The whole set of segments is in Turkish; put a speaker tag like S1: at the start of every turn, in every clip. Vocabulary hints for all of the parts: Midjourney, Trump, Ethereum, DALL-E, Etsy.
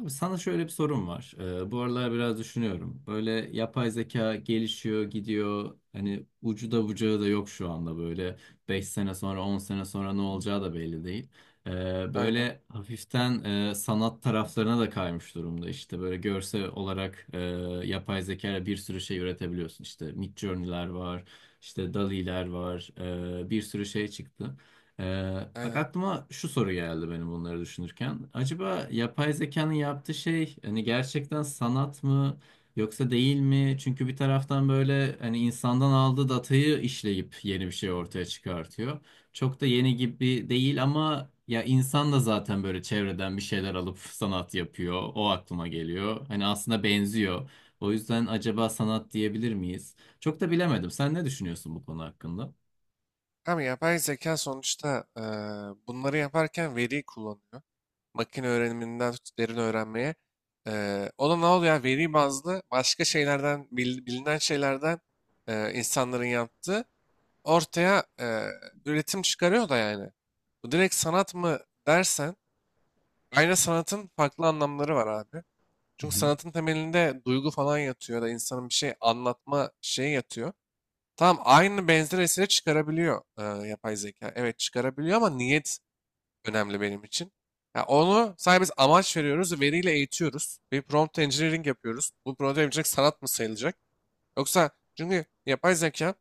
S1: Abi sana şöyle bir sorum var. Bu aralar biraz düşünüyorum. Böyle yapay zeka gelişiyor, gidiyor. Hani ucu da bucağı da yok şu anda böyle. 5 sene sonra, 10 sene sonra ne olacağı da belli değil. Ee,
S2: Aynen.
S1: böyle hafiften sanat taraflarına da kaymış durumda işte. Böyle görsel olarak yapay zeka ile bir sürü şey üretebiliyorsun. İşte Midjourney'ler var, işte DALL-E'ler var. Bir sürü şey çıktı. Bak
S2: Aynen.
S1: aklıma şu soru geldi benim bunları düşünürken. Acaba yapay zekanın yaptığı şey hani gerçekten sanat mı yoksa değil mi? Çünkü bir taraftan böyle hani insandan aldığı datayı işleyip yeni bir şey ortaya çıkartıyor. Çok da yeni gibi değil ama ya insan da zaten böyle çevreden bir şeyler alıp sanat yapıyor. O aklıma geliyor. Hani aslında benziyor. O yüzden acaba sanat diyebilir miyiz? Çok da bilemedim. Sen ne düşünüyorsun bu konu hakkında?
S2: Ama yapay zeka sonuçta bunları yaparken veriyi kullanıyor. Makine öğreniminden tut derin öğrenmeye. O da ne oluyor? Yani veri bazlı başka şeylerden, bilinen şeylerden insanların yaptığı ortaya üretim çıkarıyor da yani. Bu direkt sanat mı dersen, aynı sanatın farklı anlamları var abi. Çünkü sanatın temelinde duygu falan yatıyor ya da insanın bir şey anlatma şeyi yatıyor. Tamam aynı benzer eseri çıkarabiliyor yapay zeka. Evet çıkarabiliyor ama niyet önemli benim için. Ya onu sadece biz amaç veriyoruz, veriyle eğitiyoruz. Bir prompt engineering yapıyoruz. Bu prompt engineering sanat mı sayılacak? Yoksa, çünkü yapay zeka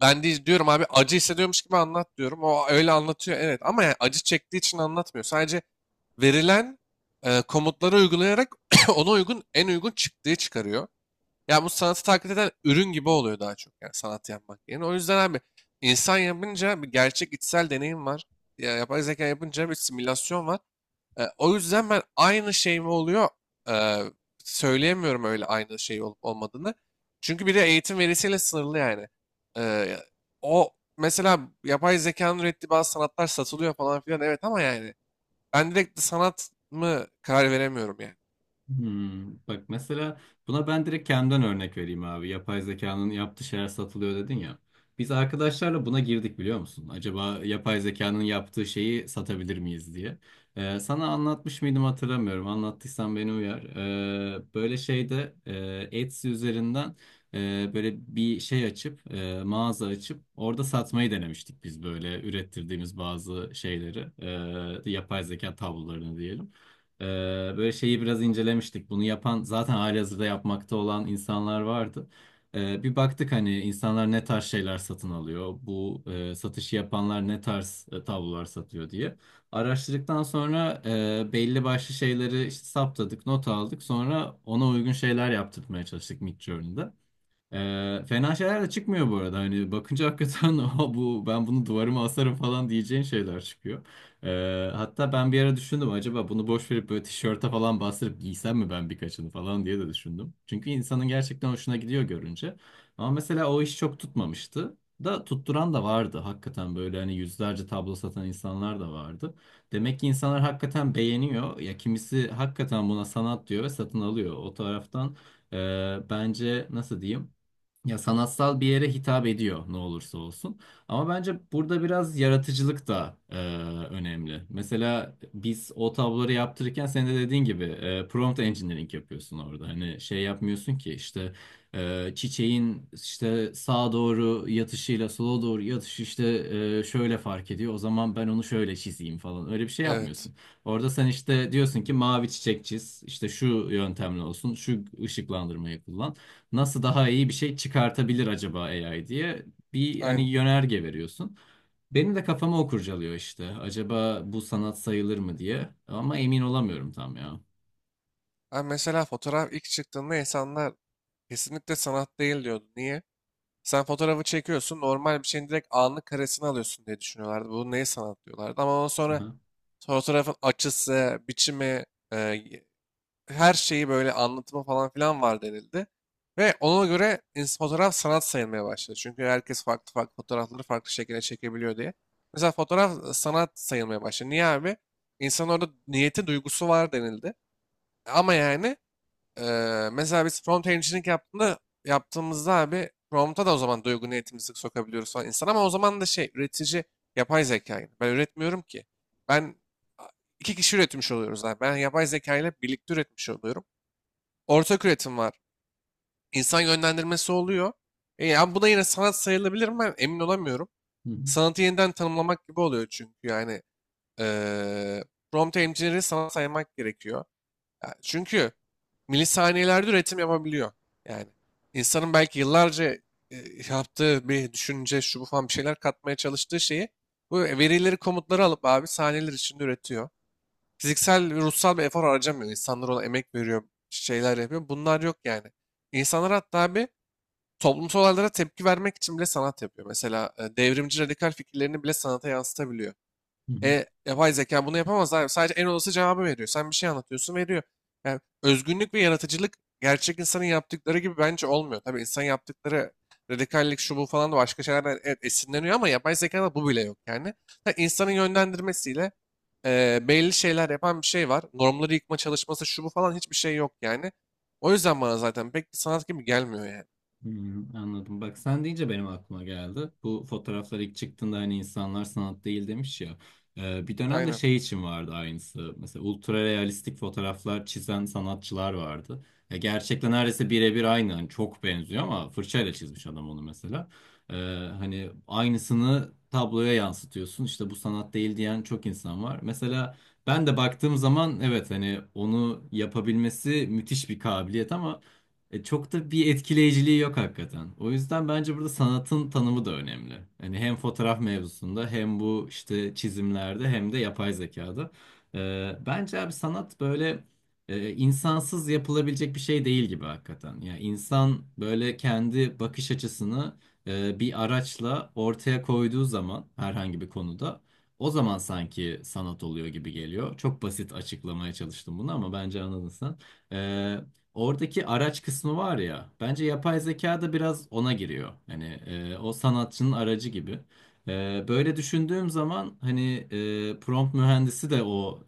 S2: ben de diyorum abi acı hissediyormuş gibi anlat diyorum. O öyle anlatıyor, evet, ama yani acı çektiği için anlatmıyor. Sadece verilen komutları uygulayarak ona uygun en uygun çıktığı çıkarıyor. Ya bu sanatı taklit eden ürün gibi oluyor daha çok yani sanat yapmak yerine. O yüzden abi insan yapınca bir gerçek içsel deneyim var. Ya, yapay zeka yapınca bir simülasyon var. O yüzden ben aynı şey mi oluyor e, söyleyemiyorum öyle aynı şey olup olmadığını. Çünkü bir de eğitim verisiyle sınırlı yani. E, O mesela yapay zekanın ürettiği bazı sanatlar satılıyor falan filan, evet, ama yani ben direkt sanat mı karar veremiyorum yani.
S1: Hmm, bak mesela buna ben direkt kendimden örnek vereyim abi. Yapay zekanın yaptığı şeyler satılıyor dedin ya. Biz arkadaşlarla buna girdik biliyor musun? Acaba yapay zekanın yaptığı şeyi satabilir miyiz diye. Sana anlatmış mıydım hatırlamıyorum. Anlattıysam beni uyar. Böyle şeyde Etsy üzerinden böyle bir şey açıp mağaza açıp orada satmayı denemiştik biz böyle ürettirdiğimiz bazı şeyleri. Yapay zeka tablolarını diyelim. Ee, böyle şeyi biraz incelemiştik. Bunu yapan zaten halihazırda yapmakta olan insanlar vardı. Bir baktık hani insanlar ne tarz şeyler satın alıyor. Bu satışı yapanlar ne tarz tablolar satıyor diye. Araştırdıktan sonra belli başlı şeyleri işte saptadık, not aldık. Sonra ona uygun şeyler yaptırmaya çalıştık Midjourney'de. Fena şeyler de çıkmıyor bu arada. Hani bakınca hakikaten "Aa, bu ben bunu duvarıma asarım falan diyeceğin şeyler çıkıyor. Hatta ben bir ara düşündüm acaba bunu boş verip böyle tişörte falan bastırıp giysem mi ben birkaçını falan diye de düşündüm. Çünkü insanın gerçekten hoşuna gidiyor görünce. Ama mesela o iş çok tutmamıştı. Da tutturan da vardı hakikaten böyle hani yüzlerce tablo satan insanlar da vardı. Demek ki insanlar hakikaten beğeniyor. Ya kimisi hakikaten buna sanat diyor ve satın alıyor. O taraftan bence nasıl diyeyim? Ya sanatsal bir yere hitap ediyor ne olursa olsun. Ama bence burada biraz yaratıcılık da önemli. Mesela biz o tabloları yaptırırken sen de dediğin gibi prompt engineering yapıyorsun orada. Hani şey yapmıyorsun ki işte çiçeğin işte sağa doğru yatışıyla sola doğru yatışı işte şöyle fark ediyor. O zaman ben onu şöyle çizeyim falan. Öyle bir şey
S2: Evet.
S1: yapmıyorsun. Orada sen işte diyorsun ki mavi çiçek çiz. İşte şu yöntemle olsun. Şu ışıklandırmayı kullan nasıl daha iyi bir şey çıkartabilir acaba AI diye bir hani
S2: Aynen.
S1: yönerge veriyorsun. Benim de kafama o kurcalıyor işte. Acaba bu sanat sayılır mı diye. Ama emin olamıyorum tam ya.
S2: Ben mesela fotoğraf ilk çıktığında insanlar kesinlikle sanat değil diyordu. Niye? Sen fotoğrafı çekiyorsun, normal bir şeyin direkt anlık karesini alıyorsun diye düşünüyorlardı. Bu neye sanat diyorlardı. Ama ondan sonra
S1: Aha.
S2: fotoğrafın açısı, biçimi, e, y- her şeyi böyle anlatımı falan filan var denildi. Ve ona göre fotoğraf sanat sayılmaya başladı. Çünkü herkes farklı farklı fotoğrafları farklı şekilde çekebiliyor diye. Mesela fotoğraf sanat sayılmaya başladı. Niye abi? İnsanın orada niyeti, duygusu var denildi. Ama yani mesela biz yaptığımızda abi prompt'a da o zaman duygu niyetimizi sokabiliyoruz falan insan, ama o zaman da şey, üretici yapay zeka yani. Ben üretmiyorum ki. Ben iki kişi üretmiş oluyoruz abi. Ben yapay zeka ile birlikte üretmiş oluyorum. Ortak üretim var. İnsan yönlendirmesi oluyor. Ya bu da yine sanat sayılabilir mi? Ben emin olamıyorum.
S1: Hı hı.
S2: Sanatı yeniden tanımlamak gibi oluyor çünkü yani eee prompt engineer'i sanat saymak gerekiyor. Ya çünkü milisaniyelerde üretim yapabiliyor. Yani insanın belki yıllarca e, yaptığı bir düşünce, şu bu falan bir şeyler katmaya çalıştığı şeyi, bu verileri, komutları alıp abi saniyeler içinde üretiyor. Fiziksel ve ruhsal bir efor harcamıyor. İnsanlar ona emek veriyor, şeyler yapıyor. Bunlar yok yani. İnsanlar hatta abi toplumsal olaylara tepki vermek için bile sanat yapıyor. Mesela devrimci radikal fikirlerini bile sanata yansıtabiliyor.
S1: Hı hı.
S2: Yapay zeka bunu yapamaz abi. Sadece en olası cevabı veriyor. Sen bir şey anlatıyorsun, veriyor. Yani özgünlük ve yaratıcılık gerçek insanın yaptıkları gibi bence olmuyor. Tabii insan yaptıkları radikallik şu bu falan da başka şeylerden, evet, esinleniyor, ama yapay zekada bu bile yok yani. Ha, insanın yönlendirmesiyle belli şeyler yapan bir şey var. Normları yıkma çalışması şu bu falan hiçbir şey yok yani. O yüzden bana zaten pek bir sanat gibi gelmiyor yani.
S1: Hmm, anladım. Bak sen deyince benim aklıma geldi. Bu fotoğraflar ilk çıktığında hani insanlar sanat değil demiş ya. Bir dönemde
S2: Aynen.
S1: şey için vardı aynısı. Mesela ultra realistik fotoğraflar çizen sanatçılar vardı. Ya gerçekten neredeyse birebir aynı. Hani çok benziyor ama fırçayla çizmiş adam onu mesela. Ee, hani aynısını tabloya yansıtıyorsun. İşte bu sanat değil diyen çok insan var. Mesela ben de baktığım zaman evet hani onu yapabilmesi müthiş bir kabiliyet ama çok da bir etkileyiciliği yok hakikaten. O yüzden bence burada sanatın tanımı da önemli. Hani hem fotoğraf mevzusunda hem bu işte çizimlerde hem de yapay zekada. Bence abi sanat böyle insansız yapılabilecek bir şey değil gibi hakikaten. Yani insan böyle kendi bakış açısını bir araçla ortaya koyduğu zaman herhangi bir konuda o zaman sanki sanat oluyor gibi geliyor. Çok basit açıklamaya çalıştım bunu ama bence anladın sen. Ee, Oradaki araç kısmı var ya, bence yapay zeka da biraz ona giriyor. Hani o sanatçının aracı gibi. Böyle düşündüğüm zaman hani prompt mühendisi de o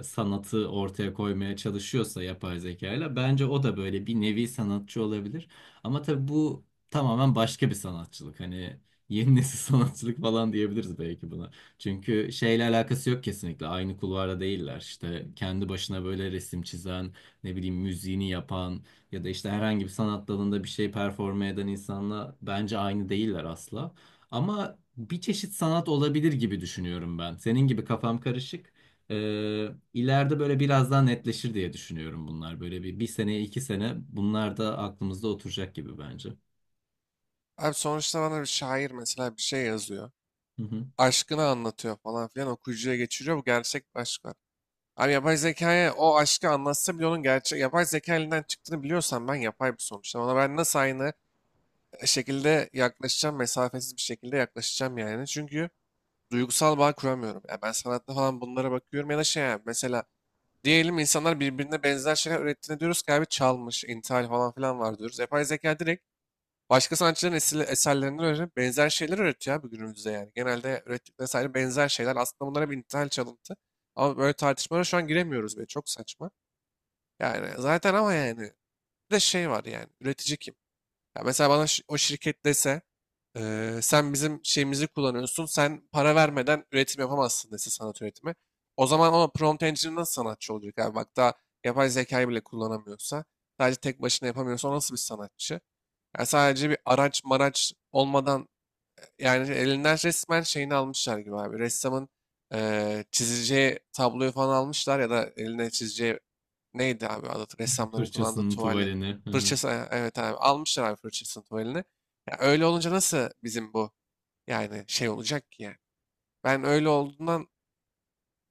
S1: sanatı ortaya koymaya çalışıyorsa yapay zekayla bence o da böyle bir nevi sanatçı olabilir. Ama tabii bu tamamen başka bir sanatçılık. Hani yeni nesil sanatçılık falan diyebiliriz belki buna. Çünkü şeyle alakası yok kesinlikle. Aynı kulvarda değiller. İşte kendi başına böyle resim çizen ne bileyim müziğini yapan ya da işte herhangi bir sanat dalında bir şey performe eden insanla bence aynı değiller asla. Ama bir çeşit sanat olabilir gibi düşünüyorum ben. Senin gibi kafam karışık. İleride böyle biraz daha netleşir diye düşünüyorum bunlar. Böyle bir sene, iki sene bunlar da aklımızda oturacak gibi bence.
S2: Abi sonuçta bana bir şair mesela bir şey yazıyor,
S1: Hı hı.
S2: aşkını anlatıyor falan filan, okuyucuya geçiriyor. Bu gerçek bir aşk var. Abi yapay zekaya o aşkı anlatsa bile onun gerçek yapay zeka elinden çıktığını biliyorsam ben, yapay bir sonuçta. Ona ben nasıl aynı şekilde yaklaşacağım, mesafesiz bir şekilde yaklaşacağım yani. Çünkü duygusal bağ kuramıyorum. Ya ben sanatta falan bunlara bakıyorum ya da şey yani, mesela diyelim insanlar birbirine benzer şeyler ürettiğini diyoruz ki abi çalmış, intihal falan filan var diyoruz. Yapay zeka direkt başka sanatçıların eserlerinden öğrenip benzer şeyler üretiyor abi günümüzde yani. Genelde ürettikleri sadece benzer şeyler. Aslında bunlara bir nitel çalıntı. Ama böyle tartışmalara şu an giremiyoruz bile. Çok saçma. Yani zaten ama yani bir de şey var yani. Üretici kim? Ya mesela bana o şirket dese, sen bizim şeyimizi kullanıyorsun. Sen para vermeden üretim yapamazsın" dese sanat üretimi. O zaman ama prompt engineer nasıl sanatçı olacak abi? Bak daha yapay zekayı bile kullanamıyorsa, sadece tek başına yapamıyorsa, o nasıl bir sanatçı? Ya sadece bir araç maraç olmadan, yani elinden resmen şeyini almışlar gibi abi. Ressamın çizeceği tabloyu falan almışlar ya da eline çizeceği neydi abi adı, ressamların kullandığı
S1: Fırçasının
S2: tuvali.
S1: tuvalini. Hı hı.
S2: Fırçası, evet abi, almışlar abi fırçasını, tuvalini. Ya öyle olunca nasıl bizim bu, yani şey olacak ki yani. Ben öyle olduğundan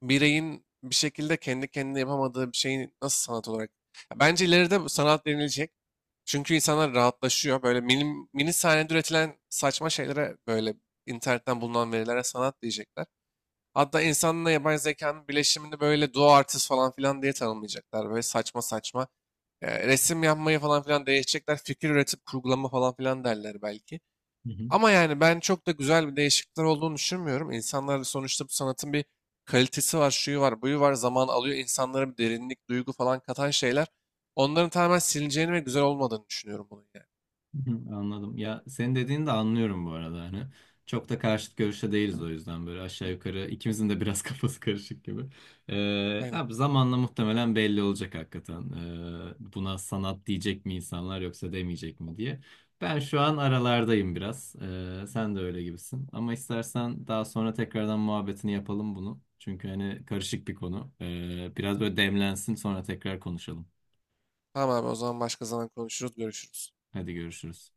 S2: bireyin bir şekilde kendi kendine yapamadığı bir şeyi nasıl sanat olarak... Ya bence ileride bu sanat denilecek. Çünkü insanlar rahatlaşıyor. Böyle mini, mini saniyede üretilen saçma şeylere, böyle internetten bulunan verilere sanat diyecekler. Hatta insanla yapay zekanın birleşimini böyle duo artist falan filan diye tanımlayacaklar. Böyle saçma saçma resim yapmayı falan filan değişecekler. Fikir üretip kurgulama falan filan derler belki.
S1: Hı hı.
S2: Ama yani ben çok da güzel bir değişiklikler olduğunu düşünmüyorum. İnsanlar sonuçta bu sanatın bir kalitesi var, şuyu var, buyu var. Zaman alıyor. İnsanlara bir derinlik, duygu falan katan şeyler. Onların tamamen silineceğini ve güzel olmadığını düşünüyorum bunun yani.
S1: Hı, anladım. Ya senin dediğini de anlıyorum bu arada hani. Çok da karşıt görüşte değiliz o yüzden böyle aşağı yukarı ikimizin de biraz kafası karışık gibi. Ee,
S2: Aynen.
S1: abi zamanla muhtemelen belli olacak hakikaten. Buna sanat diyecek mi insanlar yoksa demeyecek mi diye. Ben şu an aralardayım biraz. Sen de öyle gibisin. Ama istersen daha sonra tekrardan muhabbetini yapalım bunu. Çünkü hani karışık bir konu. Biraz böyle demlensin sonra tekrar konuşalım.
S2: Tamam abi, o zaman başka zaman konuşuruz, görüşürüz.
S1: Hadi görüşürüz.